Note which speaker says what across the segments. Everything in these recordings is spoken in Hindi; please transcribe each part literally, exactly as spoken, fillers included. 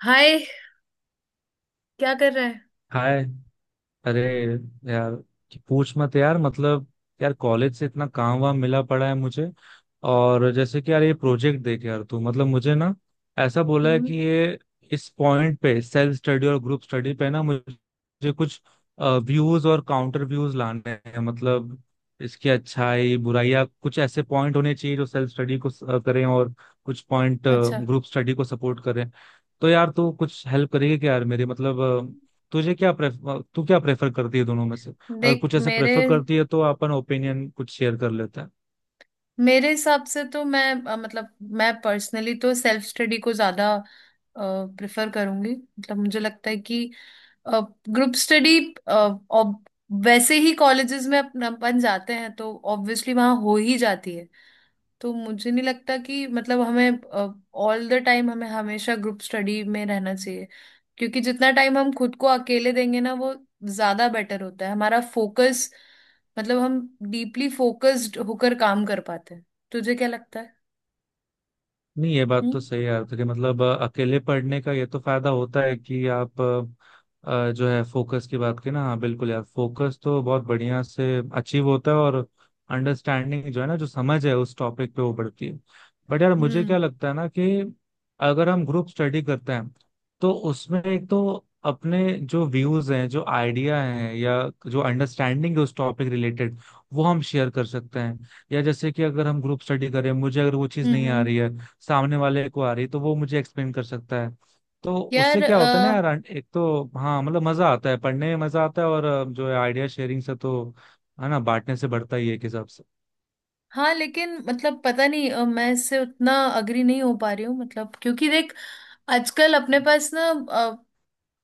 Speaker 1: हाय। क्या कर रहे हैं?
Speaker 2: हाय। अरे यार, कि पूछ मत यार। मतलब यार, कॉलेज से इतना काम वाम मिला पड़ा है मुझे। और जैसे कि यार ये प्रोजेक्ट देख। यार तू, मतलब मुझे ना ऐसा बोला है
Speaker 1: हम्म।
Speaker 2: कि ये इस पॉइंट पे सेल्फ स्टडी और ग्रुप स्टडी पे ना मुझे कुछ व्यूज और काउंटर व्यूज लाने हैं। मतलब इसकी अच्छाई बुराई या कुछ ऐसे पॉइंट होने चाहिए जो सेल्फ स्टडी को स- अ, करें और कुछ पॉइंट
Speaker 1: अच्छा।
Speaker 2: ग्रुप स्टडी को सपोर्ट करें। तो यार तू कुछ हेल्प करेगी क्या यार मेरी? मतलब तुझे क्या प्रेफर, तू क्या प्रेफर करती है दोनों में से? अगर
Speaker 1: देख,
Speaker 2: कुछ ऐसे
Speaker 1: मेरे
Speaker 2: प्रेफर करती है तो अपन ओपिनियन कुछ शेयर कर लेते हैं।
Speaker 1: मेरे हिसाब से तो मैं, अ, मतलब मैं पर्सनली तो सेल्फ स्टडी को ज्यादा प्रेफर करूंगी। मतलब मुझे लगता है कि ग्रुप स्टडी वैसे ही कॉलेजेस में अपन अपन जाते हैं तो ऑब्वियसली वहाँ हो ही जाती है। तो मुझे नहीं लगता कि मतलब हमें ऑल द टाइम, हमें हमेशा ग्रुप स्टडी में रहना चाहिए, क्योंकि जितना टाइम हम खुद को अकेले देंगे ना, वो ज्यादा बेटर होता है। हमारा फोकस, मतलब हम डीपली फोकस्ड होकर काम कर पाते हैं। तुझे क्या लगता है?
Speaker 2: नहीं ये बात
Speaker 1: हम्म,
Speaker 2: तो सही है आपकी। मतलब अ, अकेले पढ़ने का ये तो फायदा होता है कि आप अ, अ, जो है फोकस की बात की ना, हाँ बिल्कुल यार फोकस तो बहुत बढ़िया से अचीव होता है और अंडरस्टैंडिंग जो है ना, जो समझ है उस टॉपिक पे वो बढ़ती है। बट यार मुझे
Speaker 1: हम्म,
Speaker 2: क्या लगता है ना कि अगर हम ग्रुप स्टडी करते हैं तो उसमें एक तो अपने जो व्यूज हैं, जो आइडिया हैं, या जो अंडरस्टैंडिंग है उस टॉपिक रिलेटेड, वो हम शेयर कर सकते हैं। या जैसे कि अगर हम ग्रुप स्टडी करें, मुझे अगर वो चीज़
Speaker 1: हम्म,
Speaker 2: नहीं आ
Speaker 1: हम्म।
Speaker 2: रही है, सामने वाले को आ रही है, तो वो मुझे एक्सप्लेन कर सकता है। तो उससे
Speaker 1: यार,
Speaker 2: क्या
Speaker 1: अ,
Speaker 2: होता है ना यार, एक तो हाँ मतलब मजा आता है, पढ़ने में मजा आता है, और अ, जो है आइडिया शेयरिंग से तो है ना, बांटने से बढ़ता ही है एक हिसाब से।
Speaker 1: हाँ लेकिन मतलब पता नहीं, अ, मैं इससे उतना अग्री नहीं हो पा रही हूँ। मतलब क्योंकि देख, आजकल अपने पास ना,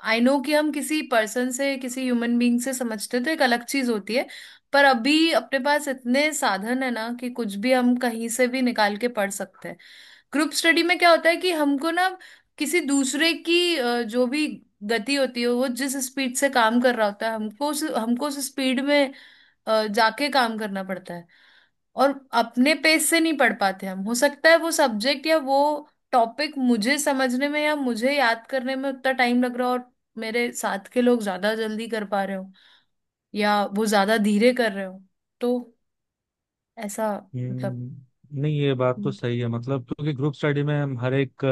Speaker 1: आई नो कि हम किसी पर्सन से, किसी ह्यूमन बीइंग से समझते तो एक अलग चीज होती है, पर अभी अपने पास इतने साधन है ना कि कुछ भी हम कहीं से भी निकाल के पढ़ सकते हैं। ग्रुप स्टडी में क्या होता है कि हमको ना, किसी दूसरे की अ, जो भी गति होती है, वो जिस स्पीड से काम कर रहा होता है, हमको उस, हमको उस स्पीड में अ, जाके काम करना पड़ता है। और अपने पेज से नहीं पढ़ पाते हम। हो सकता है वो सब्जेक्ट या वो टॉपिक मुझे समझने में या मुझे याद करने में उतना टाइम लग रहा हो, और मेरे साथ के लोग ज्यादा जल्दी कर पा रहे हो, या वो ज्यादा धीरे कर रहे हो। तो ऐसा, मतलब।
Speaker 2: हम्म, नहीं ये बात तो सही है। मतलब क्योंकि ग्रुप स्टडी में हम हर एक,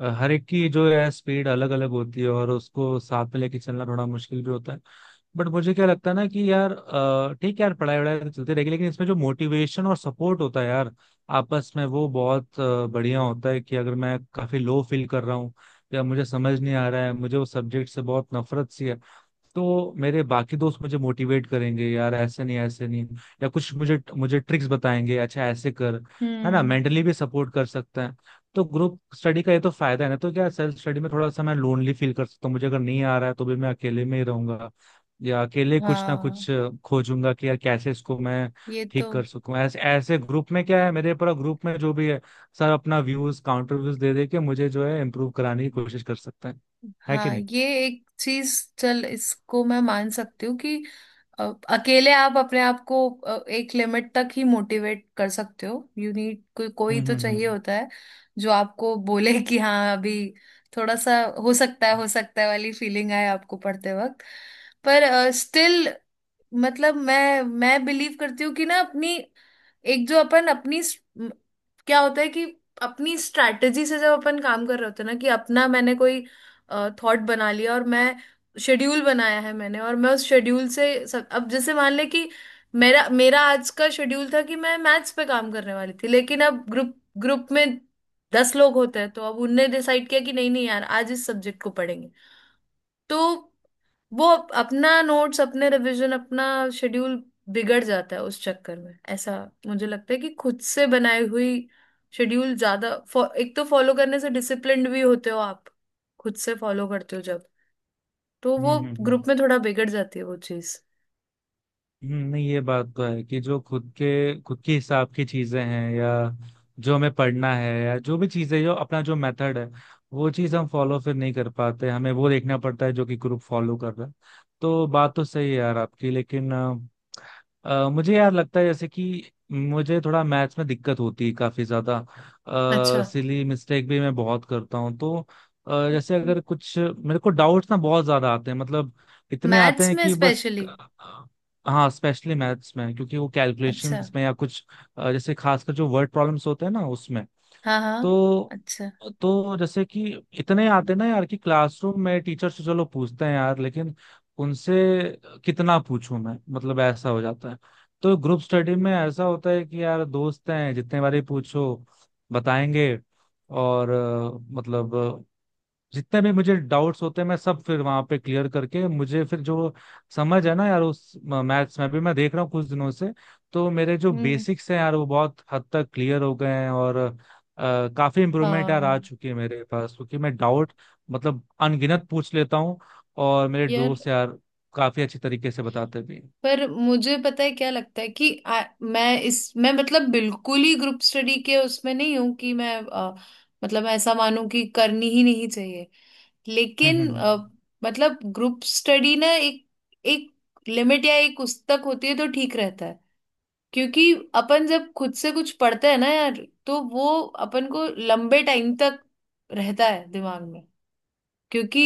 Speaker 2: अ, हर एक की जो है स्पीड अलग अलग होती है और उसको साथ में लेके चलना थोड़ा मुश्किल भी होता है। बट मुझे क्या लगता है ना कि यार अ, ठीक है यार, पढ़ाई वढ़ाई तो चलती रहेगी, लेकिन इसमें जो मोटिवेशन और सपोर्ट होता है यार आपस में, वो बहुत अ, बढ़िया होता है। कि अगर मैं काफी लो फील कर रहा हूँ या मुझे समझ नहीं आ रहा है, मुझे वो सब्जेक्ट से बहुत नफरत सी है, तो मेरे बाकी दोस्त मुझे मोटिवेट करेंगे यार, ऐसे नहीं ऐसे नहीं, या कुछ मुझे मुझे ट्रिक्स बताएंगे, अच्छा ऐसे कर। है ना,
Speaker 1: हम्म।
Speaker 2: मेंटली भी सपोर्ट कर सकते हैं। तो ग्रुप स्टडी का ये तो फायदा है ना। तो क्या सेल्फ स्टडी में थोड़ा सा मैं लोनली फील कर सकता हूँ, मुझे अगर नहीं आ रहा है तो भी मैं अकेले में ही रहूंगा या अकेले कुछ ना
Speaker 1: हाँ,
Speaker 2: कुछ अ, खोजूंगा कि यार कैसे इसको मैं
Speaker 1: ये
Speaker 2: ठीक
Speaker 1: तो।
Speaker 2: कर सकूं। ऐसे ऐसे ग्रुप में क्या है, मेरे पूरा ग्रुप में जो भी है सर अपना व्यूज काउंटर व्यूज दे दे के मुझे जो है इम्प्रूव कराने की कोशिश कर सकते हैं। है कि
Speaker 1: हाँ,
Speaker 2: नहीं?
Speaker 1: ये एक चीज। चल, इसको मैं मान सकती हूँ कि अ, अकेले आप अपने आप को अ, एक लिमिट तक ही मोटिवेट कर सकते हो। यू नीड, कोई
Speaker 2: हम्म
Speaker 1: कोई तो
Speaker 2: हम्म।
Speaker 1: चाहिए
Speaker 2: हम्म
Speaker 1: होता है जो आपको बोले कि हाँ, अभी थोड़ा सा हो सकता है, हो सकता है वाली फीलिंग आए आपको पढ़ते वक्त। पर स्टिल, मतलब मैं मैं बिलीव करती हूँ कि ना, अपनी एक जो अपन अपनी स- म- क्या होता है कि, अपनी स्ट्रैटेजी से जब अपन काम कर रहे होते हैं ना, कि अपना मैंने कोई थॉट बना लिया और मैं शेड्यूल बनाया है मैंने, और मैं उस शेड्यूल से सब, अब जैसे मान ले कि, मेरा मेरा आज का शेड्यूल था कि मैं मैथ्स पे काम करने वाली थी, लेकिन अब ग्रुप ग्रुप में दस लोग होते हैं, तो अब उनने डिसाइड किया कि नहीं नहीं यार, आज इस सब्जेक्ट को पढ़ेंगे। तो वो अप- अपना नोट्स, अपने रिवीजन, अपना शेड्यूल बिगड़ जाता है उस चक्कर में। ऐसा मुझे लगता है कि खुद से बनाई हुई शेड्यूल ज्यादा फॉ- एक तो फॉलो करने से डिसिप्लिन्ड भी होते हो आप, खुद से फॉलो करते हो जब। तो
Speaker 2: हम्म।
Speaker 1: वो
Speaker 2: हम्म
Speaker 1: ग्रुप
Speaker 2: हम्म।
Speaker 1: में थोड़ा बिगड़ जाती है वो चीज।
Speaker 2: हम्म, नहीं ये बात तो है कि जो खुद के, खुद के हिसाब की चीजें हैं या जो हमें पढ़ना है या जो भी चीजें, जो अपना जो मेथड है, वो चीज हम फॉलो फिर नहीं कर पाते। हमें वो देखना पड़ता है जो कि ग्रुप फॉलो कर रहा है। तो बात तो सही है यार आपकी, लेकिन अ, मुझे यार लगता है, जैसे कि मुझे थोड़ा मैथ्स में दिक्कत होती है काफी ज्यादा,
Speaker 1: अच्छा।
Speaker 2: सिली मिस्टेक भी मैं बहुत करता हूँ। तो अ, जैसे अगर कुछ मेरे को डाउट्स ना बहुत ज्यादा आते हैं, मतलब इतने आते
Speaker 1: मैथ्स
Speaker 2: हैं
Speaker 1: में
Speaker 2: कि बस
Speaker 1: स्पेशली?
Speaker 2: अ, हाँ स्पेशली मैथ्स में, क्योंकि वो
Speaker 1: अच्छा।
Speaker 2: कैलकुलेशंस में या कुछ अ, जैसे खासकर जो वर्ड प्रॉब्लम्स होते हैं ना उसमें।
Speaker 1: हाँ हाँ।
Speaker 2: तो
Speaker 1: अच्छा।
Speaker 2: तो जैसे कि इतने आते ना यार कि क्लासरूम में टीचर से चलो पूछते हैं यार, लेकिन उनसे कितना पूछूं मैं, मतलब ऐसा हो जाता है। तो ग्रुप स्टडी में ऐसा होता है कि यार दोस्त हैं, जितने बारे पूछो बताएंगे, और अ, मतलब जितने भी मुझे डाउट्स होते हैं मैं सब फिर वहां पे क्लियर करके मुझे फिर जो समझ है ना यार उस मैथ्स में भी, मैं देख रहा हूँ कुछ दिनों से तो मेरे जो
Speaker 1: हम्म।
Speaker 2: बेसिक्स हैं यार वो बहुत हद तक क्लियर हो गए हैं। और अ, काफी इम्प्रूवमेंट यार आ
Speaker 1: हाँ
Speaker 2: चुकी है मेरे पास, क्योंकि मैं डाउट मतलब अनगिनत पूछ लेता हूँ और मेरे
Speaker 1: यार।
Speaker 2: दोस्त यार काफी अच्छी तरीके से बताते भी हैं।
Speaker 1: पर मुझे पता है क्या लगता है कि आ, मैं इस, मैं मतलब बिल्कुल ही ग्रुप स्टडी के उसमें नहीं हूं कि मैं, अ, मतलब ऐसा मानूं कि करनी ही नहीं चाहिए।
Speaker 2: हम्म
Speaker 1: लेकिन अ,
Speaker 2: हम्म
Speaker 1: मतलब ग्रुप स्टडी ना एक एक लिमिट या एक उस तक होती है तो ठीक रहता है। क्योंकि अपन जब खुद से कुछ पढ़ते हैं ना यार, तो वो अपन को लंबे टाइम तक रहता है दिमाग में। क्योंकि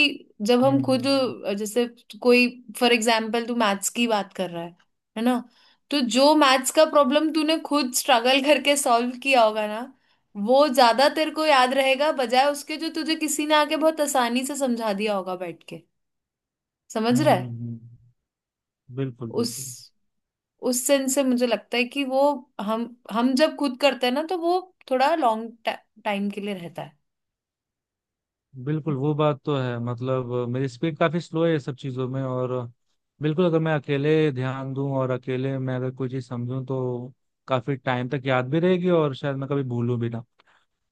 Speaker 1: जब
Speaker 2: हम्म।
Speaker 1: हम खुद,
Speaker 2: हम्म
Speaker 1: अ, जैसे कोई, फॉर एग्जाम्पल तू मैथ्स की बात कर रहा है है ना? तो जो मैथ्स का प्रॉब्लम तूने खुद स्ट्रगल करके सॉल्व किया होगा ना, वो ज्यादा तेरे को याद रहेगा बजाय उसके जो तुझे किसी ने आके बहुत आसानी से समझा दिया होगा बैठ के। समझ
Speaker 2: हम्म।
Speaker 1: रहा
Speaker 2: हम्म,
Speaker 1: है?
Speaker 2: हम्म, बिल्कुल
Speaker 1: उस
Speaker 2: बिल्कुल।
Speaker 1: उस सेंस से मुझे लगता है कि वो, हम हम जब खुद करते हैं ना, तो वो थोड़ा लॉन्ग टाइम के लिए रहता है।
Speaker 2: बिल्कुल वो बात तो है। मतलब अ, मेरी स्पीड काफी स्लो है ये सब चीजों में, और अ, बिल्कुल अगर मैं अकेले ध्यान दूं और अकेले मैं अगर कोई चीज समझूं तो काफी टाइम तक याद भी रहेगी और शायद मैं कभी भूलूं भी ना।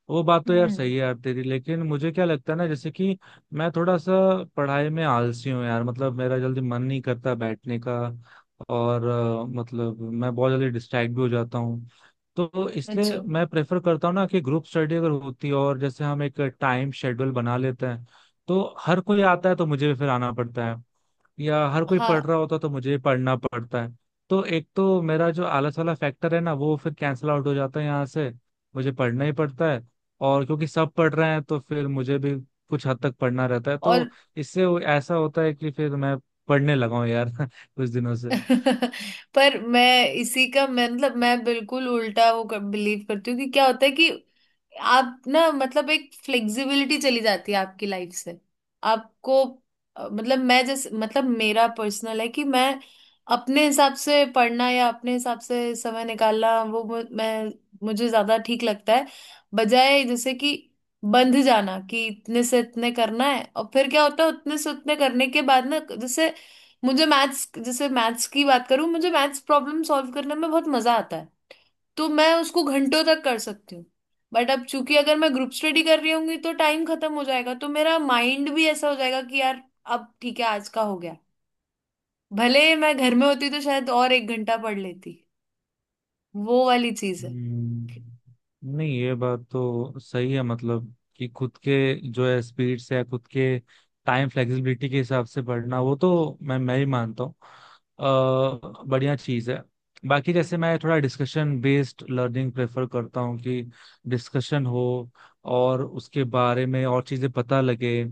Speaker 2: वो बात तो यार
Speaker 1: हम्म।
Speaker 2: सही है यार तेरी, लेकिन मुझे क्या लगता है ना जैसे कि मैं थोड़ा सा पढ़ाई में आलसी हूँ यार। मतलब मेरा जल्दी मन नहीं करता बैठने का, और अ, मतलब मैं बहुत जल्दी डिस्ट्रैक्ट भी हो जाता हूँ। तो इसलिए
Speaker 1: अच्छा।
Speaker 2: मैं प्रेफर करता हूँ ना कि ग्रुप स्टडी अगर होती है, और जैसे हम एक टाइम शेड्यूल बना लेते हैं, तो हर कोई आता है तो मुझे भी फिर आना पड़ता है, या हर कोई पढ़
Speaker 1: हाँ।
Speaker 2: रहा होता तो मुझे भी पढ़ना पड़ता है। तो एक तो मेरा जो आलस वाला फैक्टर है ना, वो फिर कैंसिल आउट हो जाता है यहाँ से। मुझे पढ़ना ही पड़ता है, और क्योंकि सब पढ़ रहे हैं तो फिर मुझे भी कुछ हद तक पढ़ना रहता है। तो
Speaker 1: और।
Speaker 2: इससे वो- ऐसा होता है कि फिर मैं पढ़ने लगा हूँ यार कुछ दिनों से।
Speaker 1: पर मैं इसी का, मैं मतलब मैं बिल्कुल उल्टा वो कर, बिलीव करती हूँ कि क्या होता है कि, आप ना मतलब एक फ्लेक्सिबिलिटी चली जाती है आपकी लाइफ से। आपको अ, मतलब मैं जैसे, मतलब मेरा पर्सनल है कि मैं अपने हिसाब से पढ़ना या अपने हिसाब से समय निकालना, वो मु- मैं, मुझे ज्यादा ठीक लगता है, बजाय जैसे कि बंध जाना कि इतने से इतने करना है। और फिर क्या होता है, उतने से उतने करने के बाद ना, जैसे मुझे मैथ्स, जैसे मैथ्स की बात करूं, मुझे मैथ्स प्रॉब्लम सॉल्व करने में बहुत मजा आता है, तो मैं उसको घंटों तक कर सकती हूँ। बट अब चूंकि अगर मैं ग्रुप स्टडी कर रही होंगी तो टाइम खत्म हो जाएगा, तो मेरा माइंड भी ऐसा हो जाएगा कि यार अब ठीक है, आज का हो गया। भले मैं घर में होती तो शायद और एक घंटा पढ़ लेती। वो वाली चीज है।
Speaker 2: हम्म, नहीं ये बात तो सही है। मतलब कि खुद के जो है स्पीड से या खुद के टाइम फ्लेक्सिबिलिटी के हिसाब से बढ़ना वो तो मैं मैं ही मानता हूँ अ, बढ़िया चीज़ है। बाकी जैसे मैं थोड़ा डिस्कशन बेस्ड लर्निंग प्रेफर करता हूँ कि डिस्कशन हो और उसके बारे में और चीज़ें पता लगे,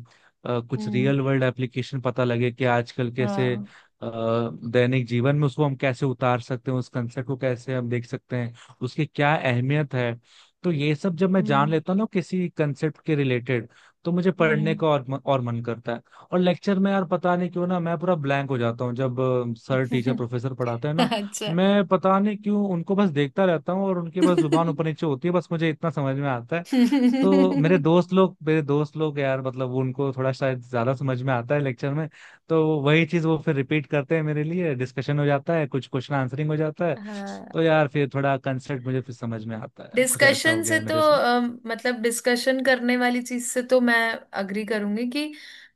Speaker 2: अ, कुछ
Speaker 1: हम्म।
Speaker 2: रियल वर्ल्ड एप्लीकेशन पता लगे कि आजकल कैसे अ,
Speaker 1: हाँ।
Speaker 2: दैनिक जीवन में उसको हम कैसे उतार सकते हैं, उस कंसेप्ट को कैसे हम देख सकते हैं, उसकी क्या अहमियत है। तो ये सब जब मैं जान
Speaker 1: हम्म,
Speaker 2: लेता हूँ ना किसी कंसेप्ट के रिलेटेड, तो मुझे पढ़ने
Speaker 1: हम्म,
Speaker 2: का और और मन करता है। और लेक्चर में यार पता नहीं क्यों ना मैं पूरा ब्लैंक हो जाता हूँ, जब अ, सर टीचर
Speaker 1: हम्म।
Speaker 2: प्रोफेसर पढ़ाते हैं ना,
Speaker 1: अच्छा।
Speaker 2: मैं पता नहीं क्यों उनको बस देखता रहता हूँ और उनकी बस जुबान ऊपर नीचे होती है, बस मुझे इतना समझ में आता है। तो मेरे दोस्त लोग मेरे दोस्त लोग यार मतलब वो, उनको थोड़ा शायद ज्यादा समझ में आता है लेक्चर में, तो वही चीज वो फिर रिपीट करते हैं मेरे लिए, डिस्कशन हो जाता है, कुछ क्वेश्चन आंसरिंग हो जाता है।
Speaker 1: हाँ।
Speaker 2: तो यार फिर थोड़ा कंसेप्ट मुझे फिर समझ में आता है, कुछ ऐसा हो
Speaker 1: डिस्कशन
Speaker 2: गया
Speaker 1: से
Speaker 2: है
Speaker 1: तो
Speaker 2: मेरे साथ।
Speaker 1: अम, मतलब डिस्कशन करने वाली चीज से तो मैं अग्री करूंगी कि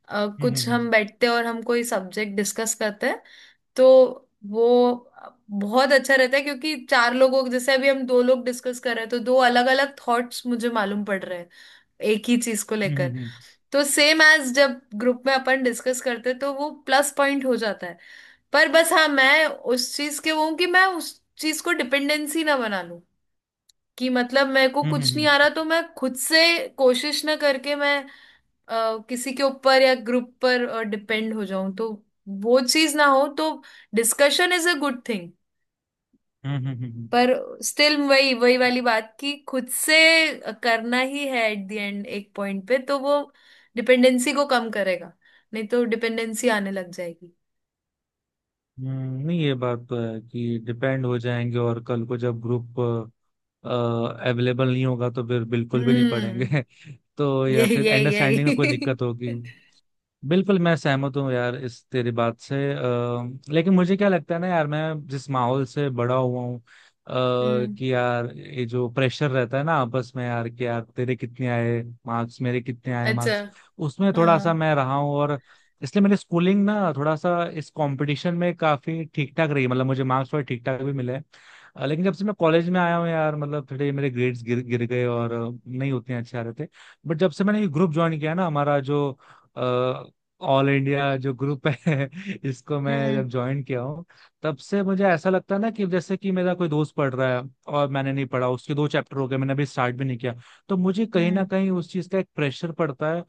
Speaker 1: अ, कुछ
Speaker 2: हम्म
Speaker 1: हम बैठते हैं और हम कोई सब्जेक्ट डिस्कस करते हैं, तो वो बहुत अच्छा रहता है। क्योंकि चार लोगों, जैसे अभी हम दो लोग डिस्कस कर रहे हैं, तो दो अलग अलग थॉट्स मुझे मालूम पड़ रहे हैं एक ही चीज को
Speaker 2: हम्म
Speaker 1: लेकर।
Speaker 2: हम्म।
Speaker 1: तो सेम एज, जब ग्रुप में अपन डिस्कस करते हैं तो वो प्लस पॉइंट हो जाता है। पर बस हाँ, मैं उस चीज के वो हूँ कि मैं उस चीज को डिपेंडेंसी ना बना लूं। कि मतलब मेरे को
Speaker 2: हम्म हम्म
Speaker 1: कुछ नहीं आ
Speaker 2: हम्म।
Speaker 1: रहा तो मैं खुद से कोशिश ना करके मैं अ, किसी के ऊपर या ग्रुप पर डिपेंड हो जाऊं, तो वो चीज ना हो तो। Discussion is a good thing,
Speaker 2: hmm hmm. Hmm,
Speaker 1: पर स्टिल वही, वही वाली बात, कि खुद से करना ही है एट द एंड एक पॉइंट पे, तो वो डिपेंडेंसी को कम करेगा। नहीं तो डिपेंडेंसी आने लग जाएगी।
Speaker 2: हम्म, नहीं ये बात तो है कि डिपेंड हो जाएंगे और कल को जब ग्रुप अवेलेबल नहीं होगा तो फिर बिल्कुल भी नहीं पढ़ेंगे।
Speaker 1: हम्म।
Speaker 2: तो या
Speaker 1: यही
Speaker 2: फिर
Speaker 1: यही
Speaker 2: अंडरस्टैंडिंग में कोई
Speaker 1: यही।
Speaker 2: दिक्कत होगी। बिल्कुल मैं सहमत हूँ यार इस तेरी बात से। अ, लेकिन मुझे क्या लगता है ना यार, मैं जिस माहौल से बड़ा हुआ हूँ, अ,
Speaker 1: हम्म।
Speaker 2: कि यार ये जो प्रेशर रहता है ना आपस में यार, कि यार तेरे कितने आए मार्क्स, मेरे कितने आए
Speaker 1: अच्छा।
Speaker 2: मार्क्स, उसमें थोड़ा सा
Speaker 1: हाँ।
Speaker 2: मैं रहा हूँ। और इसलिए मेरी स्कूलिंग ना थोड़ा सा इस कंपटीशन में काफी ठीक ठाक रही। मतलब मुझे मार्क्स थोड़े ठीक ठाक भी मिले हैं। अ, लेकिन जब से मैं कॉलेज में आया हूँ यार, मतलब थोड़े मेरे ग्रेड्स गिर गिर गए और अ, नहीं उतने अच्छे आ रहे थे। बट जब से मैंने ये ग्रुप ज्वाइन किया ना, हमारा जो ऑल इंडिया जो ग्रुप है इसको मैं
Speaker 1: हम्म,
Speaker 2: जब ज्वाइन किया हूँ, तब से मुझे ऐसा लगता है ना कि जैसे कि मेरा कोई दोस्त पढ़ रहा है और मैंने नहीं पढ़ा, उसके दो चैप्टर हो गए मैंने अभी स्टार्ट भी नहीं किया, तो मुझे कहीं ना
Speaker 1: हम्म।
Speaker 2: कहीं उस चीज़ का एक प्रेशर पड़ता है।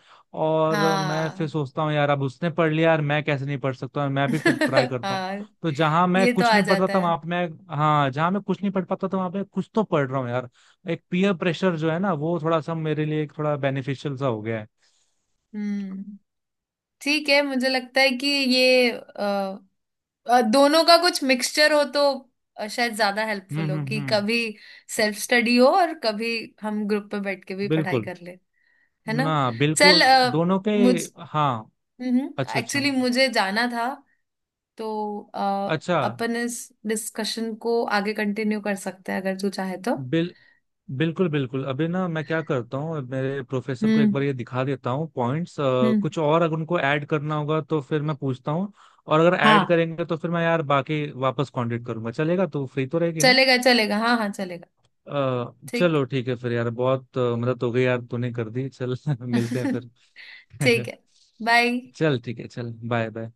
Speaker 2: और मैं फिर
Speaker 1: हाँ।
Speaker 2: सोचता हूँ यार अब उसने पढ़ लिया यार, मैं कैसे नहीं पढ़ सकता, और मैं भी फिर ट्राई करता हूँ।
Speaker 1: हाँ,
Speaker 2: तो जहां मैं
Speaker 1: ये तो
Speaker 2: कुछ
Speaker 1: आ
Speaker 2: नहीं पढ़ता
Speaker 1: जाता
Speaker 2: था
Speaker 1: है।
Speaker 2: वहां पे मैं, हाँ जहां मैं कुछ नहीं पढ़ पाता था वहां पे कुछ तो पढ़ रहा हूँ यार। एक पीयर प्रेशर जो है ना वो थोड़ा सा मेरे लिए एक थोड़ा बेनिफिशियल सा हो गया है।
Speaker 1: हम्म। ठीक है, मुझे लगता है कि ये अ, अ, दोनों का कुछ मिक्सचर हो तो अ, शायद ज्यादा
Speaker 2: हम्म
Speaker 1: हेल्पफुल हो,
Speaker 2: हम्म
Speaker 1: कि
Speaker 2: हम्म।
Speaker 1: कभी सेल्फ स्टडी हो और कभी हम ग्रुप पे बैठ के भी पढ़ाई
Speaker 2: बिल्कुल।
Speaker 1: कर ले। है ना?
Speaker 2: ना
Speaker 1: चल
Speaker 2: बिल्कुल।
Speaker 1: अ,
Speaker 2: दोनों पे।
Speaker 1: मुझ
Speaker 2: हाँ। अच्छा अच्छा।
Speaker 1: एक्चुअली मुझे जाना था, तो अ,
Speaker 2: अच्छा
Speaker 1: अपन इस डिस्कशन को आगे कंटिन्यू कर सकते हैं अगर तू चाहे तो।
Speaker 2: बिल बिल्कुल बिल्कुल। अभी ना मैं क्या करता हूँ, मेरे प्रोफेसर को एक
Speaker 1: हम्म।
Speaker 2: बार ये दिखा देता हूँ पॉइंट्स,
Speaker 1: हम्म।
Speaker 2: कुछ और अगर उनको ऐड करना होगा तो फिर मैं पूछता हूँ। और अगर ऐड
Speaker 1: हाँ,
Speaker 2: करेंगे तो फिर मैं यार बाकी वापस कांटेक्ट करूंगा, चलेगा? तो फ्री तो रहेगी ना?
Speaker 1: चलेगा चलेगा, हाँ हाँ, चलेगा।
Speaker 2: अ,
Speaker 1: ठीक।
Speaker 2: चलो ठीक है फिर यार, बहुत अ, मदद हो गई यार तूने कर दी। चल मिलते हैं फिर।
Speaker 1: ठीक है। बाय।
Speaker 2: चल ठीक है, चल बाय बाय।